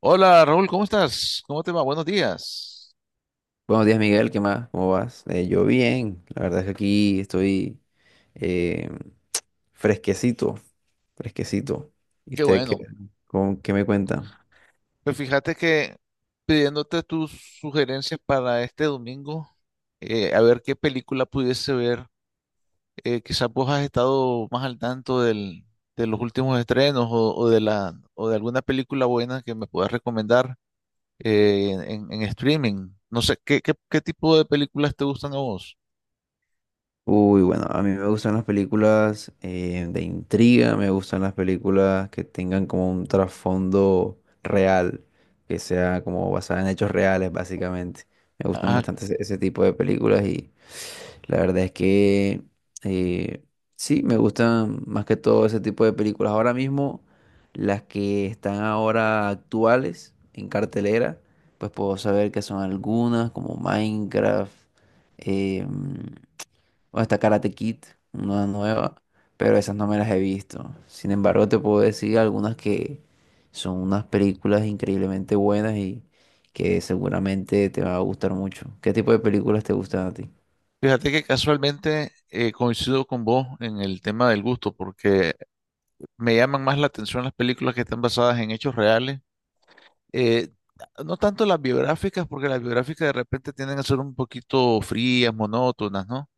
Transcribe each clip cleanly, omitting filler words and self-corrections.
Hola Raúl, ¿cómo estás? ¿Cómo te va? Buenos días. Buenos días, Miguel, ¿qué más? ¿Cómo vas? Yo bien, la verdad es que aquí estoy eh, fresquecito, fresquecito. ¿Y Qué usted qué, bueno. Qué me cuenta? Pues fíjate que pidiéndote tus sugerencias para este domingo, a ver qué película pudiese ver. Quizás vos has estado más al tanto de los últimos estrenos o de alguna película buena que me puedas recomendar en streaming. No sé, ¿qué tipo de películas te gustan a vos? Uy, bueno, a mí me gustan las películas de intriga, me gustan las películas que tengan como un trasfondo real, que sea como basada en hechos reales, básicamente. Me gustan Ah, bastante ese tipo de películas y la verdad es que eh, sí, me gustan más que todo ese tipo de películas. Ahora mismo, las que están ahora actuales en cartelera, pues puedo saber que son algunas como Minecraft, em, o hasta Karate Kid, una nueva, pero esas no me las he visto. Sin embargo, te puedo decir algunas que son unas películas increíblemente buenas y que seguramente te va a gustar mucho. ¿Qué tipo de películas te gustan a ti? fíjate que casualmente coincido con vos en el tema del gusto, porque me llaman más la atención las películas que están basadas en hechos reales. eh, no tanto las biográficas, porque las biográficas de repente tienden a ser un poquito frías, monótonas, ¿no?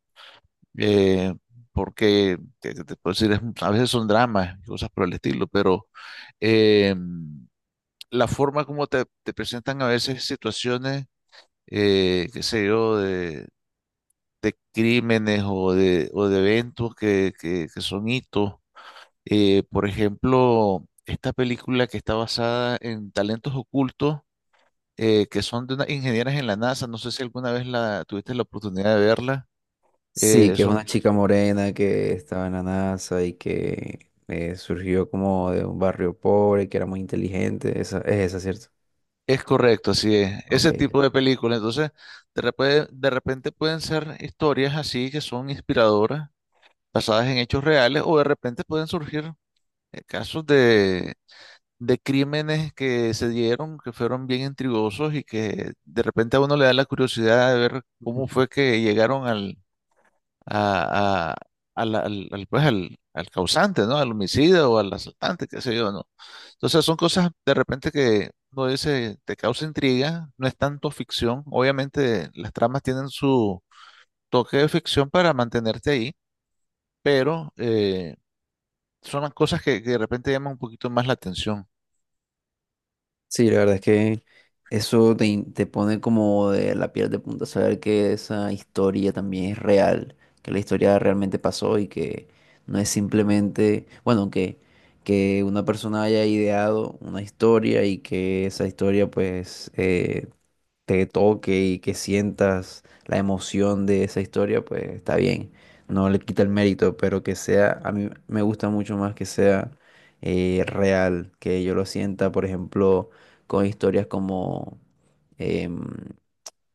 Eh, ¿Qué te puedo decir? A veces son dramas y cosas por el estilo, pero eh, la forma como te presentan a veces situaciones, qué sé yo, de crímenes o de eventos que son hitos. Por ejemplo, esta película que está basada en talentos ocultos, que son de unas ingenieras en la NASA, no sé si alguna vez la tuviste la oportunidad de verla. Sí, eh, que es son, una chica morena que estaba en la NASA y que surgió como de un barrio pobre, que era muy inteligente. Es esa, ¿cierto? es correcto, así es. Ok. Ese tipo de películas. Entonces, de repente pueden ser historias así que son inspiradoras, basadas en hechos reales, o de repente pueden surgir casos de crímenes que se dieron, que fueron bien intrigosos y que de repente a uno le da la curiosidad de ver cómo fue que llegaron a, a- al causante, ¿no? Al homicida o al asaltante, qué sé yo, ¿no? Entonces son cosas de repente que uno dice, te causa intriga, no es tanto ficción. Obviamente las tramas tienen su toque de ficción para mantenerte ahí, pero son las cosas que de repente llaman un poquito más la atención. Sí, la verdad es que eso te, te pone como de la piel de punta saber que esa historia también es real, que la historia realmente pasó y que no es simplemente, bueno, que una persona haya ideado una historia y que esa historia pues te toque y que sientas la emoción de esa historia, pues está bien. No le quita el mérito, pero que sea, a mí me gusta mucho más que sea real, que yo lo sienta, por ejemplo, con historias como, em,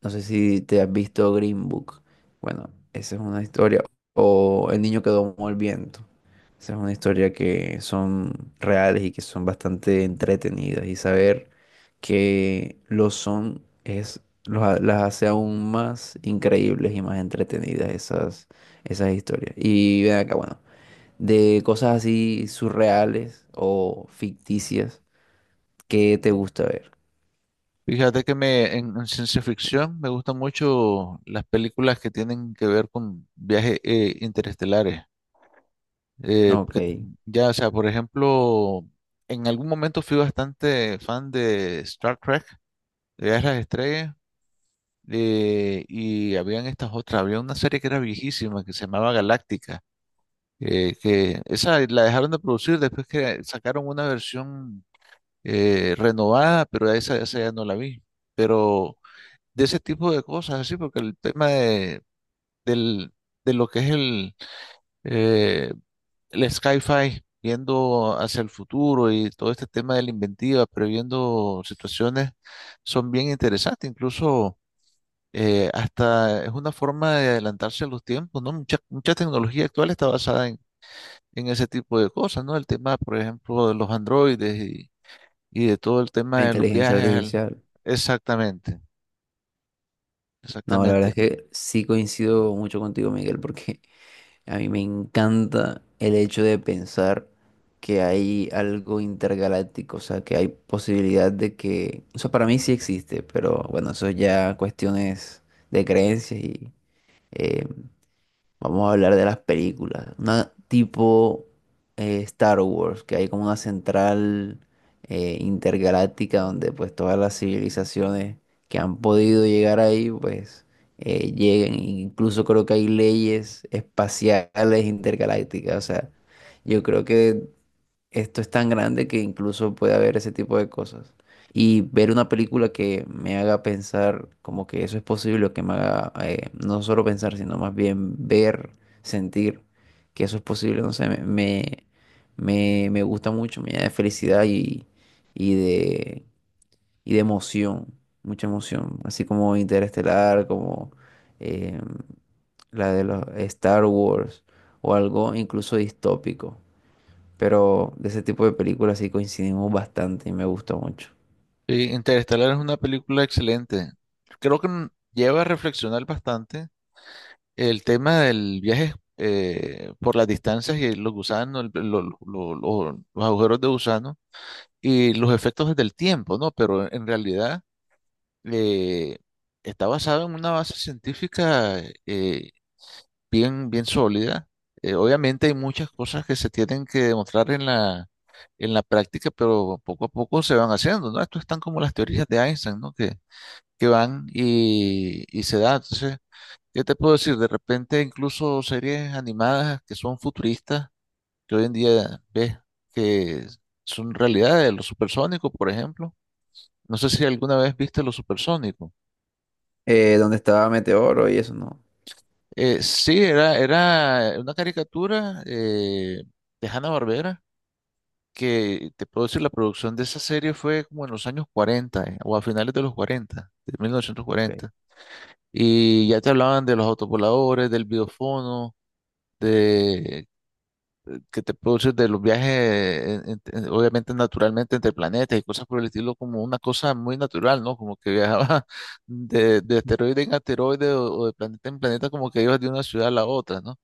no sé si te has visto Green Book. Bueno, esa es una historia. O El niño que domó el viento. Esa es una historia que son reales y que son bastante entretenidas. Y saber que lo son es, las hace aún más increíbles y más entretenidas esas, esas historias. Y ven acá, bueno, de cosas así surreales o ficticias, ¿qué te gusta ver? Fíjate que en ciencia ficción me gustan mucho las películas que tienen que ver con viajes interestelares. Eh, Ok, que- la ya, o sea, por ejemplo, en algún momento fui bastante fan de Star Trek, de Viajes a las Estrellas, y habían estas otras, había una serie que era viejísima que se llamaba Galáctica, que esa la dejaron de producir después que sacaron una versión renovada, pero esa ya no la vi. Pero de ese tipo de cosas, así, porque el tema del, de lo que es eh, el sci-fi, viendo hacia el futuro y todo este tema de la inventiva, previendo situaciones, son bien interesantes, incluso hasta es una forma de adelantarse a los tiempos, ¿no? Mucha tecnología actual está basada en ese tipo de cosas, ¿no? El tema, por ejemplo, de los androides y de todo el tema de los inteligencia viajes. artificial. Exactamente, No, la verdad es exactamente. que sí coincido mucho contigo, Miguel, porque a mí me encanta el hecho de pensar que hay algo intergaláctico, o sea, que hay posibilidad de que, o sea, para mí sí existe, pero bueno, eso ya cuestiones de creencias y eh, vamos a hablar de las películas. Una tipo Star Wars, que hay como una central intergaláctica donde pues todas las civilizaciones que han podido llegar ahí, pues lleguen. Incluso creo que hay leyes espaciales intergalácticas. O sea, yo creo que esto es tan grande que incluso puede haber ese tipo de cosas. Y ver una película que me haga pensar como que eso es posible, o que me haga no solo pensar, sino más bien ver, sentir que eso es posible, no sé, me gusta mucho, me llena de felicidad y, y de, y de emoción, mucha emoción, así como Interestelar, como eh, la de los Star Wars o algo incluso distópico. Pero de ese tipo de películas sí coincidimos bastante y me gustó mucho. Sí, Interestelar es una película excelente. Creo que lleva a reflexionar bastante el tema del viaje por las distancias y los gusanos, los agujeros de gusano y los efectos del tiempo, ¿no? Pero en realidad eh, está basado en una base científica eh, bien, bien sólida. Obviamente hay muchas cosas que se tienen que demostrar en la práctica, pero poco a poco se van haciendo, ¿no? Esto están como las teorías de Einstein, ¿no? Que van y se da. Entonces, ¿qué te puedo decir? De repente incluso series animadas que son futuristas, que hoy en día ves que son realidades, los supersónicos, por ejemplo. No sé si alguna vez viste los supersónicos. ¿Dónde estaba Meteoro y eso? No. Sí, era una caricatura de Hanna-Barbera, que te puedo decir, la producción de esa serie fue como en los años 40 o a finales de los 40, de mil novecientos Ok. cuarenta Y ya te hablaban de los autopoladores, del videofono, de, que te produces de los viajes, obviamente naturalmente entre planetas y cosas por el estilo, como una cosa muy natural, ¿no? Como que viajaba de, asteroide en asteroide o de planeta en planeta, como que ibas de una ciudad a la otra, ¿no?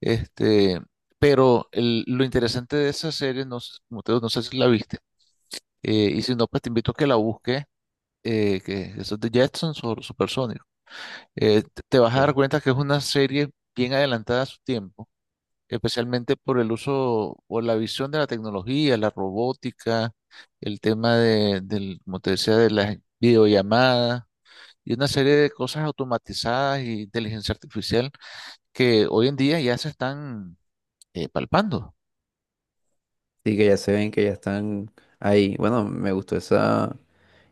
Este, pero lo interesante de esa serie, no, como te digo, no sé si la viste, y si no, pues te invito a que la busques. Que eso es de Jetsons o Supersonic, te vas a Ok. dar cuenta que es una serie bien adelantada a su tiempo, especialmente por el uso o la visión de la tecnología, la robótica, el tema como te decía, de las videollamadas y una serie de cosas automatizadas y inteligencia artificial que hoy en día ya se están palpando. Sí, que ya se ven que ya están ahí. Bueno, me gustó esa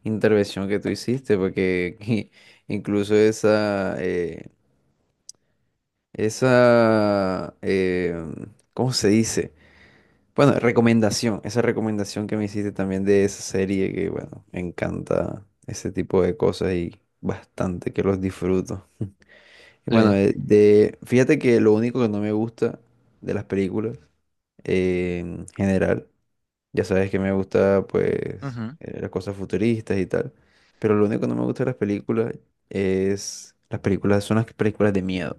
intervención que tú hiciste, porque incluso esa, esa, ¿cómo se dice? Bueno, recomendación, esa recomendación que me hiciste también de esa serie que, bueno, me encanta ese tipo de cosas y bastante que los disfruto. Y bueno, Sí. Fíjate que lo único que no me gusta de las películas en general ya sabes que me gusta, pues, Ujú. Las cosas futuristas y tal. Pero lo único que no me gusta de las películas es... Las películas son las películas de miedo.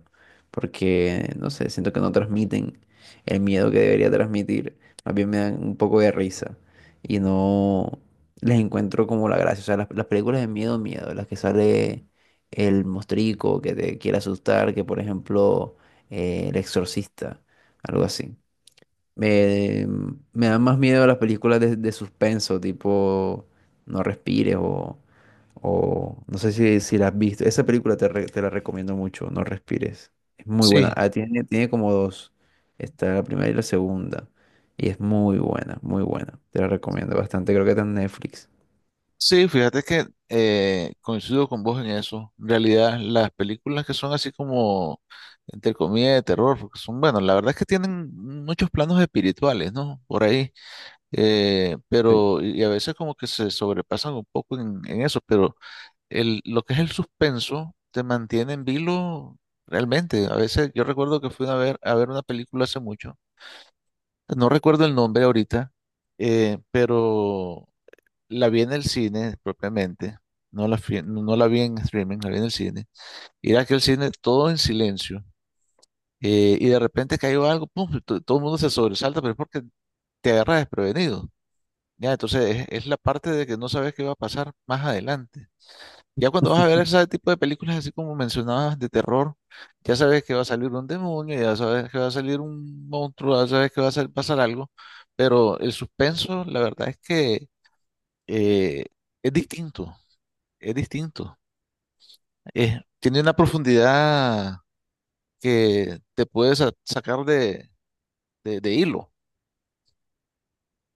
Porque, no sé, siento que no transmiten el miedo que debería transmitir. Más bien me dan un poco de risa. Y no les encuentro como la gracia. O sea, las películas de miedo, miedo. Las que sale el mostrico que te quiere asustar. Que, por ejemplo, El Exorcista. Algo así. Me, me dan más miedo las películas de suspenso, tipo No respires o no sé si la has visto. Esa película te, te la recomiendo mucho, No respires. Es muy buena. Sí, Ah, tiene, tiene como dos. Está la primera y la segunda. Y es muy buena, muy buena. Te la recomiendo bastante. Creo que está en Netflix. sí, fíjate que coincido con vos en eso. En realidad, las películas que son así como, entre comillas, de terror, porque son, bueno, la verdad es que tienen muchos planos espirituales, ¿no? Por ahí. Pero, y a veces como que se sobrepasan un poco en eso, pero el, lo que es el suspenso te mantiene en vilo realmente. A veces yo recuerdo que fui a ver una película hace mucho, no recuerdo el nombre ahorita, pero la vi en el cine propiamente, no la, no la vi en streaming, la vi en el cine. Y era aquel cine todo en silencio, y de repente cayó algo, pum, y todo el mundo se sobresalta, pero es porque te agarras desprevenido. Ya, entonces es la parte de que no sabes qué va a pasar más adelante. Ya cuando vas a ver ese tipo de películas, así como mencionabas, de terror, ya sabes que va a salir un demonio, ya sabes que va a salir un monstruo, ya sabes que va a pasar algo, pero el suspenso, la verdad es que eh, es distinto, es distinto. Tiene una profundidad que te puede sacar de hilo.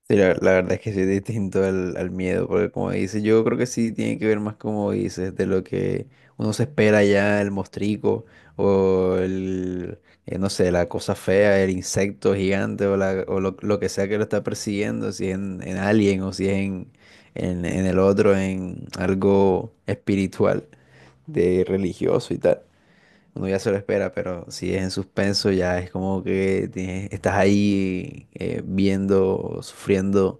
Sí, la verdad es que sí es distinto al, al miedo, porque como dices, yo creo que sí tiene que ver más como dices, de lo que uno se espera ya, el mostrico, o el, no sé, la cosa fea, el insecto gigante, o, la, o lo que sea que lo está persiguiendo, si es en Alien o si es en, en el otro, en algo espiritual, de religioso y tal. Uno ya se lo espera, pero si es en suspenso ya es como que estás ahí viendo, sufriendo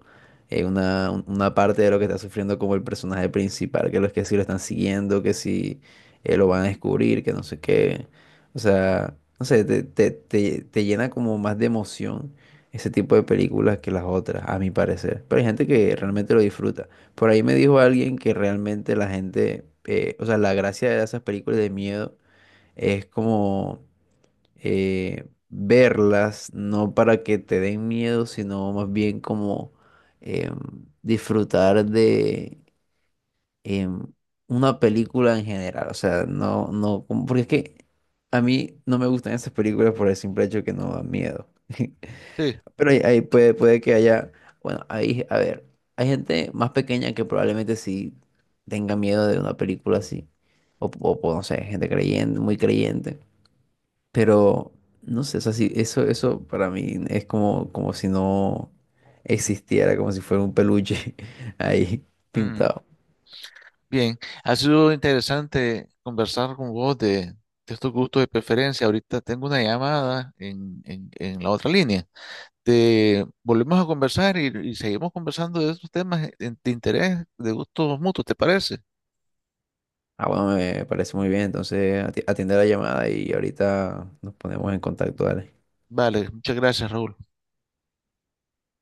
una, una parte de lo que está sufriendo como el personaje principal, que los que sí lo están siguiendo, que si lo van a descubrir, que no sé qué. O sea, no sé, te llena como más de emoción ese tipo de películas que las otras, a mi parecer. Pero hay gente que realmente lo disfruta. Por ahí me dijo alguien que realmente la gente, o sea, la gracia de esas películas de miedo es como verlas, no para que te den miedo, sino más bien como em, disfrutar de em, una película en general. O sea, no, no, como- porque es que a mí no me gustan esas películas por el simple hecho que no dan miedo. Sí. Pero ahí, ahí puede, puede que haya, bueno, ahí, a ver, hay gente más pequeña que probablemente sí tenga miedo de una película así. O, no sé, gente creyente, muy creyente. Pero, no sé, o sea, sí, eso para mí es como, como si no existiera, como si fuera un peluche ahí pintado. Bien, ha sido interesante conversar con vos de estos gustos de preferencia. Ahorita tengo una llamada en la otra línea. Te volvemos a conversar y seguimos conversando de estos temas de interés, de gustos mutuos, ¿te parece? Ah, bueno, me parece muy bien. Entonces, atiende la llamada y ahorita nos ponemos en contacto, dale. Vale, muchas gracias, Raúl.